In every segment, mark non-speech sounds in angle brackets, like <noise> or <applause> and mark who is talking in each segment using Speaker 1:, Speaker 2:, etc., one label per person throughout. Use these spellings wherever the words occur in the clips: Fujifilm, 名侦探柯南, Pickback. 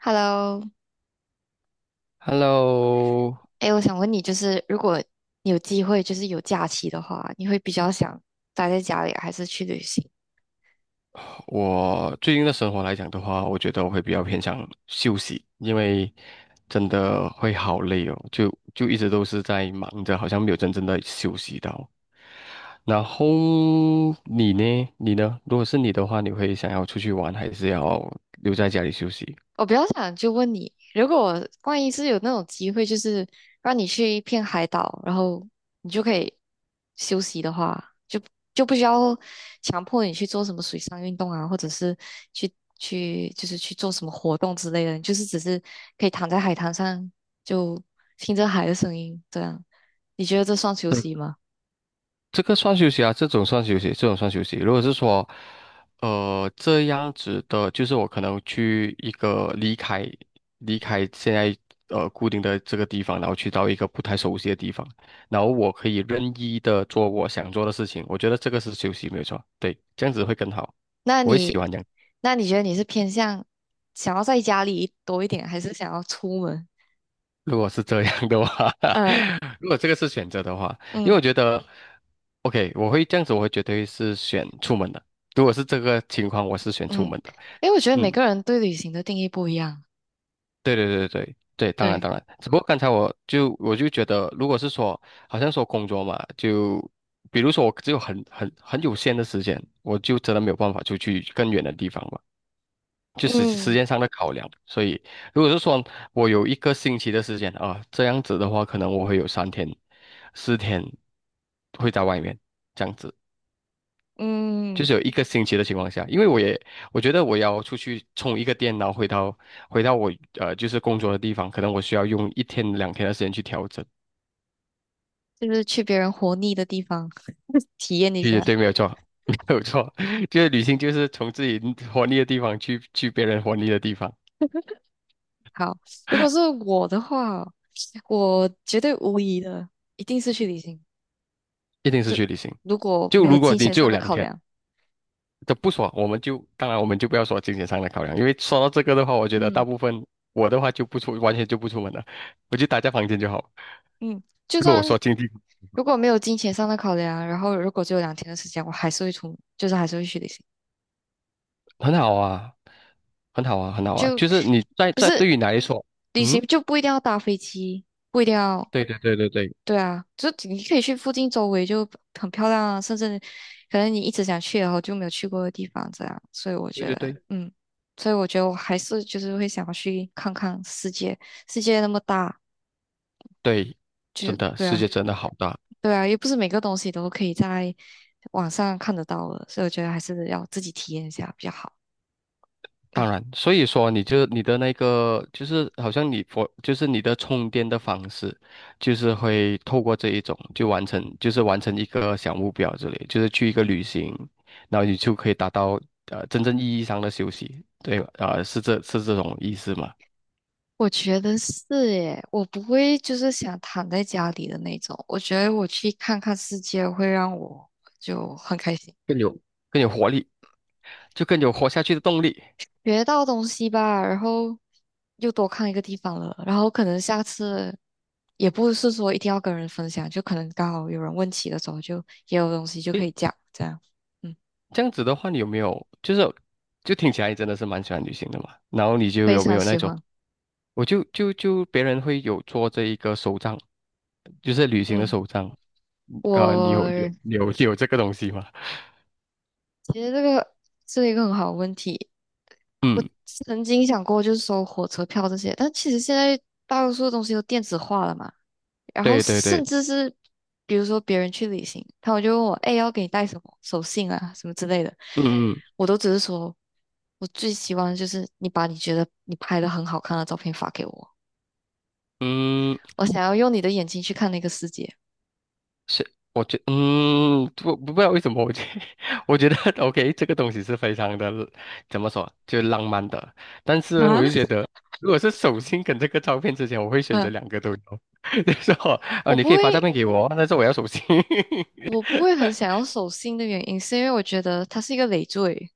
Speaker 1: Hello，
Speaker 2: Hello，
Speaker 1: 哎，我想问你，就是如果你有机会，就是有假期的话，你会比较想待在家里，还是去旅行？
Speaker 2: 我最近的生活来讲的话，我觉得我会比较偏向休息，因为真的会好累哦，就一直都是在忙着，好像没有真正的休息到。然后你呢？你呢？如果是你的话，你会想要出去玩，还是要留在家里休息？
Speaker 1: 我比较想就问你，如果万一是有那种机会，就是让你去一片海岛，然后你就可以休息的话，就不需要强迫你去做什么水上运动啊，或者是去就是去做什么活动之类的，你就是只是可以躺在海滩上，就听着海的声音，这样，你觉得这算休息吗？
Speaker 2: 这个算休息啊，这种算休息，这种算休息。如果是说，这样子的，就是我可能去一个离开现在固定的这个地方，然后去到一个不太熟悉的地方，然后我可以任意的做我想做的事情。我觉得这个是休息，没有错。对，这样子会更好，
Speaker 1: 那
Speaker 2: 我会喜
Speaker 1: 你，
Speaker 2: 欢这样。
Speaker 1: 那你觉得你是偏向想要在家里多一点，还是想要出门？
Speaker 2: 如果是这样的话，
Speaker 1: 呃，
Speaker 2: <laughs> 如果这个是选择的话，因为
Speaker 1: 嗯
Speaker 2: 我觉得，OK，我会这样子，我会绝对是选出门的。如果是这个情况，我是选出
Speaker 1: 嗯。
Speaker 2: 门的。
Speaker 1: 因为我觉得每
Speaker 2: 嗯，
Speaker 1: 个人对旅行的定义不一样。
Speaker 2: 对对对对对，当然
Speaker 1: 对。
Speaker 2: 当然，只不过刚才我就觉得，如果是说好像说工作嘛，就比如说我只有很有限的时间，我就真的没有办法出去更远的地方嘛，就时时
Speaker 1: 嗯
Speaker 2: 间上的考量。所以如果是说我有一个星期的时间啊，这样子的话，可能我会有3天、4天会在外面这样子。就
Speaker 1: 嗯。
Speaker 2: 是有一个星期的情况下，因为我也我觉得我要出去充一个电脑，回到我就是工作的地方，可能我需要用1天2天的时间去调整。
Speaker 1: 就是去别人活腻的地方 <laughs> 体验一
Speaker 2: 其实
Speaker 1: 下。
Speaker 2: 对，没有错，<laughs> 没有错，<laughs> 就是旅行就是从自己活腻的地方去别人活腻的地方，
Speaker 1: 好，如果是我的话，我绝对无疑的，一定是去旅行。
Speaker 2: 一定是
Speaker 1: 就
Speaker 2: 去旅行。
Speaker 1: 如果
Speaker 2: 就
Speaker 1: 没有
Speaker 2: 如果
Speaker 1: 金
Speaker 2: 你
Speaker 1: 钱
Speaker 2: 只
Speaker 1: 上
Speaker 2: 有
Speaker 1: 的
Speaker 2: 两
Speaker 1: 考
Speaker 2: 天，
Speaker 1: 量，
Speaker 2: 这不说，我们就当然我们就不要说金钱上的考量，因为说到这个的话，我觉得大
Speaker 1: 嗯
Speaker 2: 部分我的话就不出，完全就不出门了，我就待在房间就好。
Speaker 1: 嗯，就
Speaker 2: 如果我
Speaker 1: 算
Speaker 2: 说经济
Speaker 1: 如果没有金钱上的考量，然后如果只有两天的时间，我还是会出门就是还是会去旅行。
Speaker 2: 很好啊，很好啊，很好啊，
Speaker 1: 就
Speaker 2: 就是你
Speaker 1: 不是
Speaker 2: 对于你来说，
Speaker 1: 旅行
Speaker 2: 嗯，
Speaker 1: 就不一定要搭飞机，不一定要，
Speaker 2: 对对对对对
Speaker 1: 对啊，就你可以去附近周围就很漂亮啊，甚至可能你一直想去然后就没有去过的地方这样。
Speaker 2: 对对对
Speaker 1: 所以我觉得我还是就是会想要去看看世界，世界那么大，
Speaker 2: 对，
Speaker 1: 就
Speaker 2: 真的
Speaker 1: 对
Speaker 2: 世
Speaker 1: 啊，
Speaker 2: 界真的好大。
Speaker 1: 对啊，又不是每个东西都可以在网上看得到的，所以我觉得还是要自己体验一下比较好。嗯，
Speaker 2: 当然，所以说你就你的那个就是好像你佛就是你的充电的方式，就是会透过这一种就是完成一个小目标之类，就是去一个旅行，然后你就可以达到真正意义上的休息，对吧？啊、是这种意思吗？
Speaker 1: 我觉得是耶，我不会就是想躺在家里的那种。我觉得我去看看世界会让我就很开心，
Speaker 2: 更有更有活力，就更有活下去的动力。
Speaker 1: 学到东西吧，然后又多看一个地方了，然后可能下次也不是说一定要跟人分享，就可能刚好有人问起的时候就也有东西就可
Speaker 2: 诶，
Speaker 1: 以讲，这样，嗯，
Speaker 2: 这样子的话，你有没有就是就听起来你真的是蛮喜欢旅行的嘛？然后你就
Speaker 1: 非
Speaker 2: 有没
Speaker 1: 常
Speaker 2: 有那
Speaker 1: 喜
Speaker 2: 种，
Speaker 1: 欢。
Speaker 2: 我就就就别人会有做这一个手账，就是旅行的
Speaker 1: 嗯，
Speaker 2: 手账，你有你有
Speaker 1: 我
Speaker 2: 你有你有这个东西吗？
Speaker 1: 其实这个是一个很好的问题。我
Speaker 2: 嗯，
Speaker 1: 曾经想过就是收火车票这些，但其实现在大多数东西都电子化了嘛。然后
Speaker 2: 对对对，
Speaker 1: 甚至是比如说别人去旅行，他们就问我，哎，要给你带什么手信啊，什么之类的，
Speaker 2: 嗯嗯
Speaker 1: 我都只是说，我最希望就是你把你觉得你拍的很好看的照片发给我，
Speaker 2: 嗯。
Speaker 1: 我想要用你的眼睛去看那个世界。
Speaker 2: 是，我觉嗯，不知道为什么，<laughs> 我觉得 <laughs> OK，这个东西是非常的，怎么说，就浪漫的。但是
Speaker 1: 啊？
Speaker 2: 我
Speaker 1: <laughs>
Speaker 2: 就觉得，如果是手心跟这个照片之前，我会选择
Speaker 1: 嗯，
Speaker 2: 两个都有。<laughs> 就是说，啊，
Speaker 1: 我
Speaker 2: 你
Speaker 1: 不
Speaker 2: 可以发照
Speaker 1: 会，
Speaker 2: 片给我，但是我要手信。
Speaker 1: 我不会很
Speaker 2: <laughs>
Speaker 1: 想要手信的原因，是因为我觉得它是一个累赘。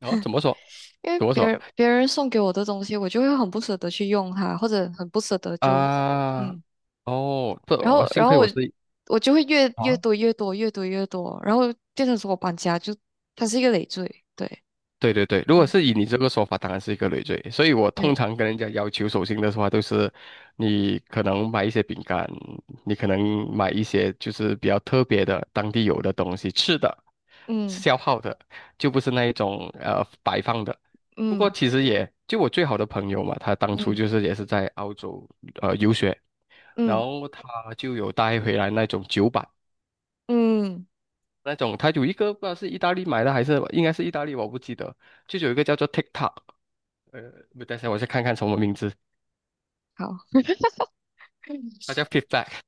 Speaker 2: 哦，怎么说？
Speaker 1: 因为
Speaker 2: 怎么
Speaker 1: 别
Speaker 2: 说？
Speaker 1: 人别人送给我的东西，我就会很不舍得去用它，或者很不舍得就，
Speaker 2: 啊、
Speaker 1: 嗯，
Speaker 2: 哦，
Speaker 1: 然后
Speaker 2: 幸
Speaker 1: 然
Speaker 2: 亏
Speaker 1: 后我
Speaker 2: 我是。
Speaker 1: 我就会越越
Speaker 2: 啊。
Speaker 1: 多越多越多越多，然后变成说我搬家就它是一个累赘，对，
Speaker 2: 对对对，如果
Speaker 1: 嗯，
Speaker 2: 是以你这个说法，当然是一个累赘。所以我通
Speaker 1: 对，
Speaker 2: 常跟人家要求手信的话，都是你可能买一些饼干，你可能买一些就是比较特别的当地有的东西吃的，
Speaker 1: 嗯
Speaker 2: 消耗的，就不是那一种摆放的。不过
Speaker 1: 嗯
Speaker 2: 其实也就我最好的朋友嘛，他当初
Speaker 1: 嗯
Speaker 2: 就是也是在澳洲游学，然
Speaker 1: 嗯
Speaker 2: 后他就有带回来那种酒板，
Speaker 1: 嗯，嗯
Speaker 2: 那种他有一个不知道是意大利买的还是应该是意大利，我不记得，就有一个叫做 TikTok。呃，不等一下，我先看看什么名字，
Speaker 1: 好，
Speaker 2: 它叫
Speaker 1: <clears throat>
Speaker 2: Pickback，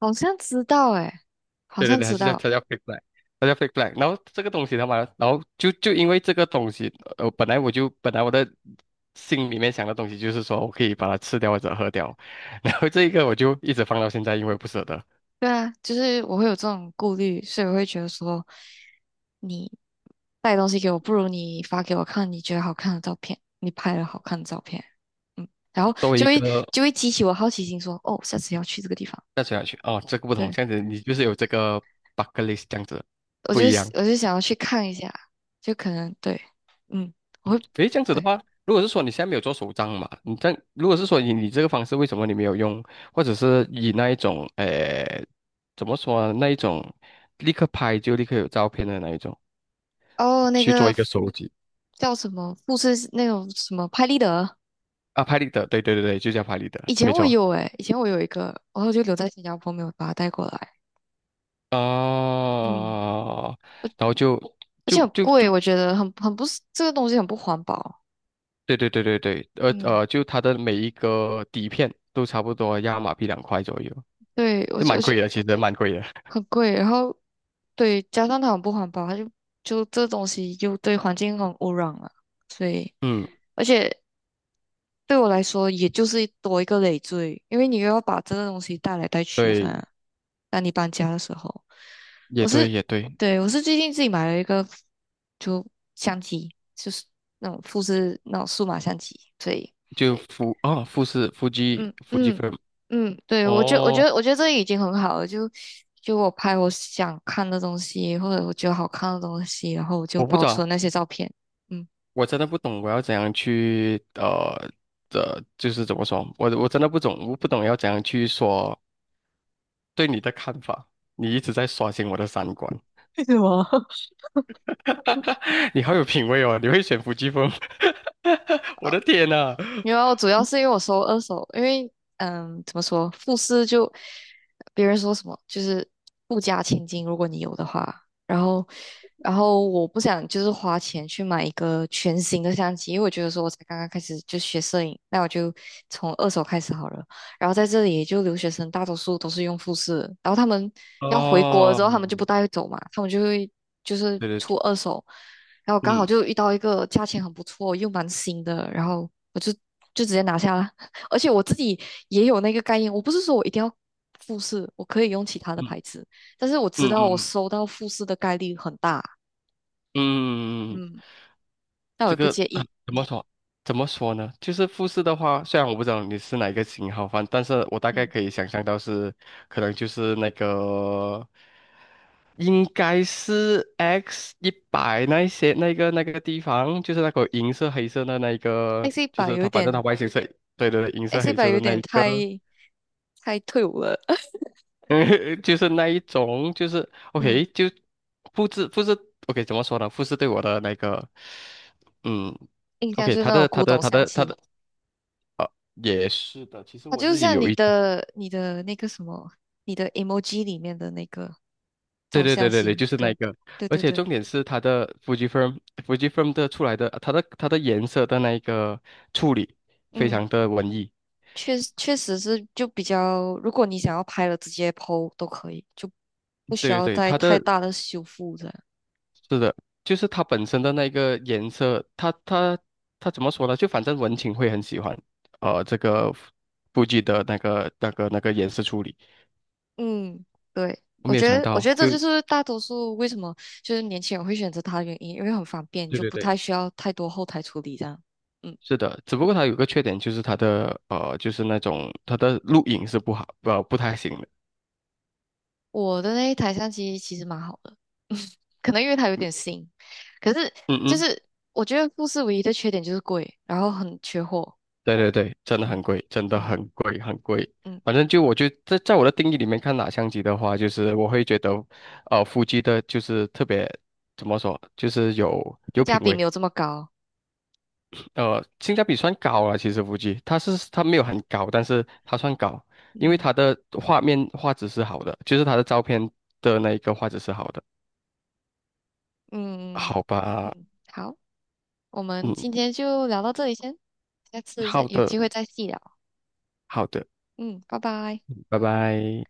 Speaker 1: 好像知道诶，好
Speaker 2: 对对
Speaker 1: 像
Speaker 2: 对，还
Speaker 1: 知
Speaker 2: 是叫
Speaker 1: 道。
Speaker 2: 它叫 Pickback，它叫 Pickback。然后这个东西他妈，然后就因为这个东西，本来我的心里面想的东西就是说我可以把它吃掉或者喝掉，<laughs> 然后这一个我就一直放到现在，因为不舍得。
Speaker 1: 对啊，就是我会有这种顾虑，所以我会觉得说，你带东西给我，不如你发给我看你觉得好看的照片，你拍了好看的照片，嗯，然后
Speaker 2: 作为
Speaker 1: 就
Speaker 2: 一
Speaker 1: 会
Speaker 2: 个
Speaker 1: 就会激起我好奇心说，哦，下次要去这个地方，
Speaker 2: 再吃下去，哦，这个不同，
Speaker 1: 对，
Speaker 2: 这样子你就是有这个 bucket list 这样子，
Speaker 1: 我
Speaker 2: 不
Speaker 1: 就
Speaker 2: 一样。
Speaker 1: 我就想要去看一下，就可能对，嗯，我会
Speaker 2: 诶，这样子的
Speaker 1: 对，
Speaker 2: 话，如果是说你现在没有做手账嘛，你这样如果是说以你这个方式，为什么你没有用，或者是以那一种，诶，怎么说呢那一种立刻拍就立刻有照片的那一种
Speaker 1: 哦，那
Speaker 2: 去做
Speaker 1: 个
Speaker 2: 一个收集
Speaker 1: 叫什么富士那种什么拍立得，
Speaker 2: 啊，拍立得，对对对对，就叫拍立得，没错
Speaker 1: 以前我有一个，然后就留在新加坡没有把它带过来，嗯
Speaker 2: 哦，然后就
Speaker 1: 而且
Speaker 2: 就
Speaker 1: 很
Speaker 2: 就
Speaker 1: 贵，
Speaker 2: 就
Speaker 1: 我觉得很很不是这个东西很不环保。
Speaker 2: 对对对对对，
Speaker 1: 嗯，
Speaker 2: 就它的每一个底片都差不多要马币2块左右，
Speaker 1: 对，
Speaker 2: 就
Speaker 1: 我
Speaker 2: 蛮
Speaker 1: 觉
Speaker 2: 贵
Speaker 1: 得
Speaker 2: 的，其实蛮贵的，
Speaker 1: 很贵，然后对，加上它很不环保，它就就这东西又对环境很污染了，所以
Speaker 2: <laughs> 嗯，
Speaker 1: 而且对我来说，也就是多一个累赘，因为你又要把这个东西带来带去
Speaker 2: 对，
Speaker 1: 噻。当你搬家的时候，我
Speaker 2: 也对
Speaker 1: 是
Speaker 2: 也对。
Speaker 1: 对，我是最近自己买了一个就相机，就是那种复制那种数码相机，所以。
Speaker 2: 就富啊、富士富基
Speaker 1: 嗯
Speaker 2: 富基
Speaker 1: 嗯
Speaker 2: f
Speaker 1: 嗯，对，我觉我觉
Speaker 2: 哦，
Speaker 1: 得我觉得这已经很好了，就就我拍我想看的东西，或者我觉得好看的东西，然后我就
Speaker 2: 我不
Speaker 1: 保
Speaker 2: 知
Speaker 1: 存
Speaker 2: 道，
Speaker 1: 那些照片。嗯，
Speaker 2: 我真的不懂，我要怎样去的，就是怎么说，我真的不懂，我不懂要怎样去说对你的看法。你一直在刷新我的三观，
Speaker 1: <laughs> 为什么？
Speaker 2: <laughs> 你好有品味哦，你会选腹基风，<laughs> 我的天呐！
Speaker 1: 因为主要是因为我收二手，因为怎么说，富士就别人说什么就是富家千金，如果你有的话，然后然后我不想就是花钱去买一个全新的相机，因为我觉得说我才刚刚开始就学摄影，那我就从二手开始好了。然后在这里就留学生大多数都是用富士，然后他们要回国
Speaker 2: 哦，
Speaker 1: 之后，他们就不带走嘛，他们就会就是
Speaker 2: 对
Speaker 1: 出
Speaker 2: 对，
Speaker 1: 二手。然后刚好
Speaker 2: 嗯
Speaker 1: 就遇到一个价钱很不错又蛮新的，然后我就直接拿下了。<laughs> 而且我自己也有那个概念，我不是说我一定要富士，我可以用其他的牌
Speaker 2: 嗯
Speaker 1: 子，但是我知
Speaker 2: 嗯
Speaker 1: 道
Speaker 2: 嗯
Speaker 1: 我
Speaker 2: 嗯
Speaker 1: 收到富士的概率很大，
Speaker 2: 嗯嗯，
Speaker 1: 嗯，那我
Speaker 2: 这
Speaker 1: 也不
Speaker 2: 个
Speaker 1: 介
Speaker 2: 啊
Speaker 1: 意，
Speaker 2: 怎么
Speaker 1: 嗯
Speaker 2: 说？怎么说呢？就是富士的话，虽然我不知道你是哪一个型号反，但是我大概
Speaker 1: 嗯
Speaker 2: 可以想象到是，可能就是那个，应该是 X100那一些那个地方，就是那个银色黑色的那一个，
Speaker 1: ，X 一
Speaker 2: 就
Speaker 1: 百
Speaker 2: 是
Speaker 1: 有
Speaker 2: 它反正它
Speaker 1: 点
Speaker 2: 外形是，对对对，银色
Speaker 1: X 一
Speaker 2: 黑
Speaker 1: 百
Speaker 2: 色
Speaker 1: 有
Speaker 2: 的那
Speaker 1: 点
Speaker 2: 一
Speaker 1: 太
Speaker 2: 个，
Speaker 1: 太退伍了，<laughs>
Speaker 2: <laughs> 就是那一种，就是
Speaker 1: 嗯，
Speaker 2: OK 就复制 OK 怎么说呢？复制对我的那个，嗯。
Speaker 1: 印象
Speaker 2: OK，
Speaker 1: 就是
Speaker 2: 他
Speaker 1: 那种
Speaker 2: 的
Speaker 1: 古
Speaker 2: 他的
Speaker 1: 董
Speaker 2: 他
Speaker 1: 香
Speaker 2: 的他
Speaker 1: 气，
Speaker 2: 的也是的，其实
Speaker 1: 它
Speaker 2: 我
Speaker 1: 就
Speaker 2: 自己
Speaker 1: 像
Speaker 2: 有
Speaker 1: 你
Speaker 2: 一，
Speaker 1: 的你的那个什么，你的 emoji 里面的那个
Speaker 2: 对
Speaker 1: 照
Speaker 2: 对
Speaker 1: 相
Speaker 2: 对对对，
Speaker 1: 机，
Speaker 2: 就是那
Speaker 1: 对
Speaker 2: 个，
Speaker 1: 对
Speaker 2: 而
Speaker 1: 对
Speaker 2: 且
Speaker 1: 对。
Speaker 2: 重点是它的 Fujifilm f u f i l m 的出来的，它的颜色的那一个处理非
Speaker 1: 嗯，
Speaker 2: 常的文艺，
Speaker 1: 确确实是就比较，如果你想要拍了直接 PO 都可以，就不
Speaker 2: 对
Speaker 1: 需
Speaker 2: 对
Speaker 1: 要
Speaker 2: 对，
Speaker 1: 再
Speaker 2: 它
Speaker 1: 太
Speaker 2: 的
Speaker 1: 大的修复这样。
Speaker 2: 是的，就是它本身的那个颜色，它怎么说呢？就反正文青会很喜欢，这个 f u 的那个颜色处理，
Speaker 1: 嗯，对，
Speaker 2: 我
Speaker 1: 我
Speaker 2: 没有
Speaker 1: 觉
Speaker 2: 想
Speaker 1: 得我
Speaker 2: 到，
Speaker 1: 觉得这
Speaker 2: 就
Speaker 1: 就是大多数为什么就是年轻人会选择它的原因，因为很方便，
Speaker 2: 对
Speaker 1: 就
Speaker 2: 对
Speaker 1: 不
Speaker 2: 对。
Speaker 1: 太需要太多后台处理这样。嗯，
Speaker 2: 是的，只不过它有个缺点，就是它的就是那种它的录影是不好，不太行的。
Speaker 1: 我的那一台相机其实蛮好的，可能因为它有点新，可是
Speaker 2: 嗯
Speaker 1: 就
Speaker 2: 嗯，
Speaker 1: 是我觉得富士唯一的缺点就是贵，然后很缺货。
Speaker 2: 对对对，真的
Speaker 1: 嗯
Speaker 2: 很贵，真的
Speaker 1: 嗯
Speaker 2: 很贵，很贵。
Speaker 1: 嗯，
Speaker 2: 反正就我觉得在我的定义里面看哪相机的话，就是我会觉得，夫妻的就是特别怎么说，就是有
Speaker 1: 性
Speaker 2: 有
Speaker 1: 价
Speaker 2: 品
Speaker 1: 比
Speaker 2: 味，
Speaker 1: 没有这么高。
Speaker 2: 性价比算高了。其实夫妻它没有很高，但是它算高，因为
Speaker 1: 嗯。
Speaker 2: 它的画面画质是好的，就是它的照片的那一个画质是好的。
Speaker 1: 嗯
Speaker 2: 好吧，
Speaker 1: 嗯，好，我们
Speaker 2: 嗯，
Speaker 1: 今天就聊到这里先，下次再
Speaker 2: 好
Speaker 1: 有
Speaker 2: 的，
Speaker 1: 机会再细聊。
Speaker 2: 好的，
Speaker 1: 嗯，拜拜。
Speaker 2: 拜拜。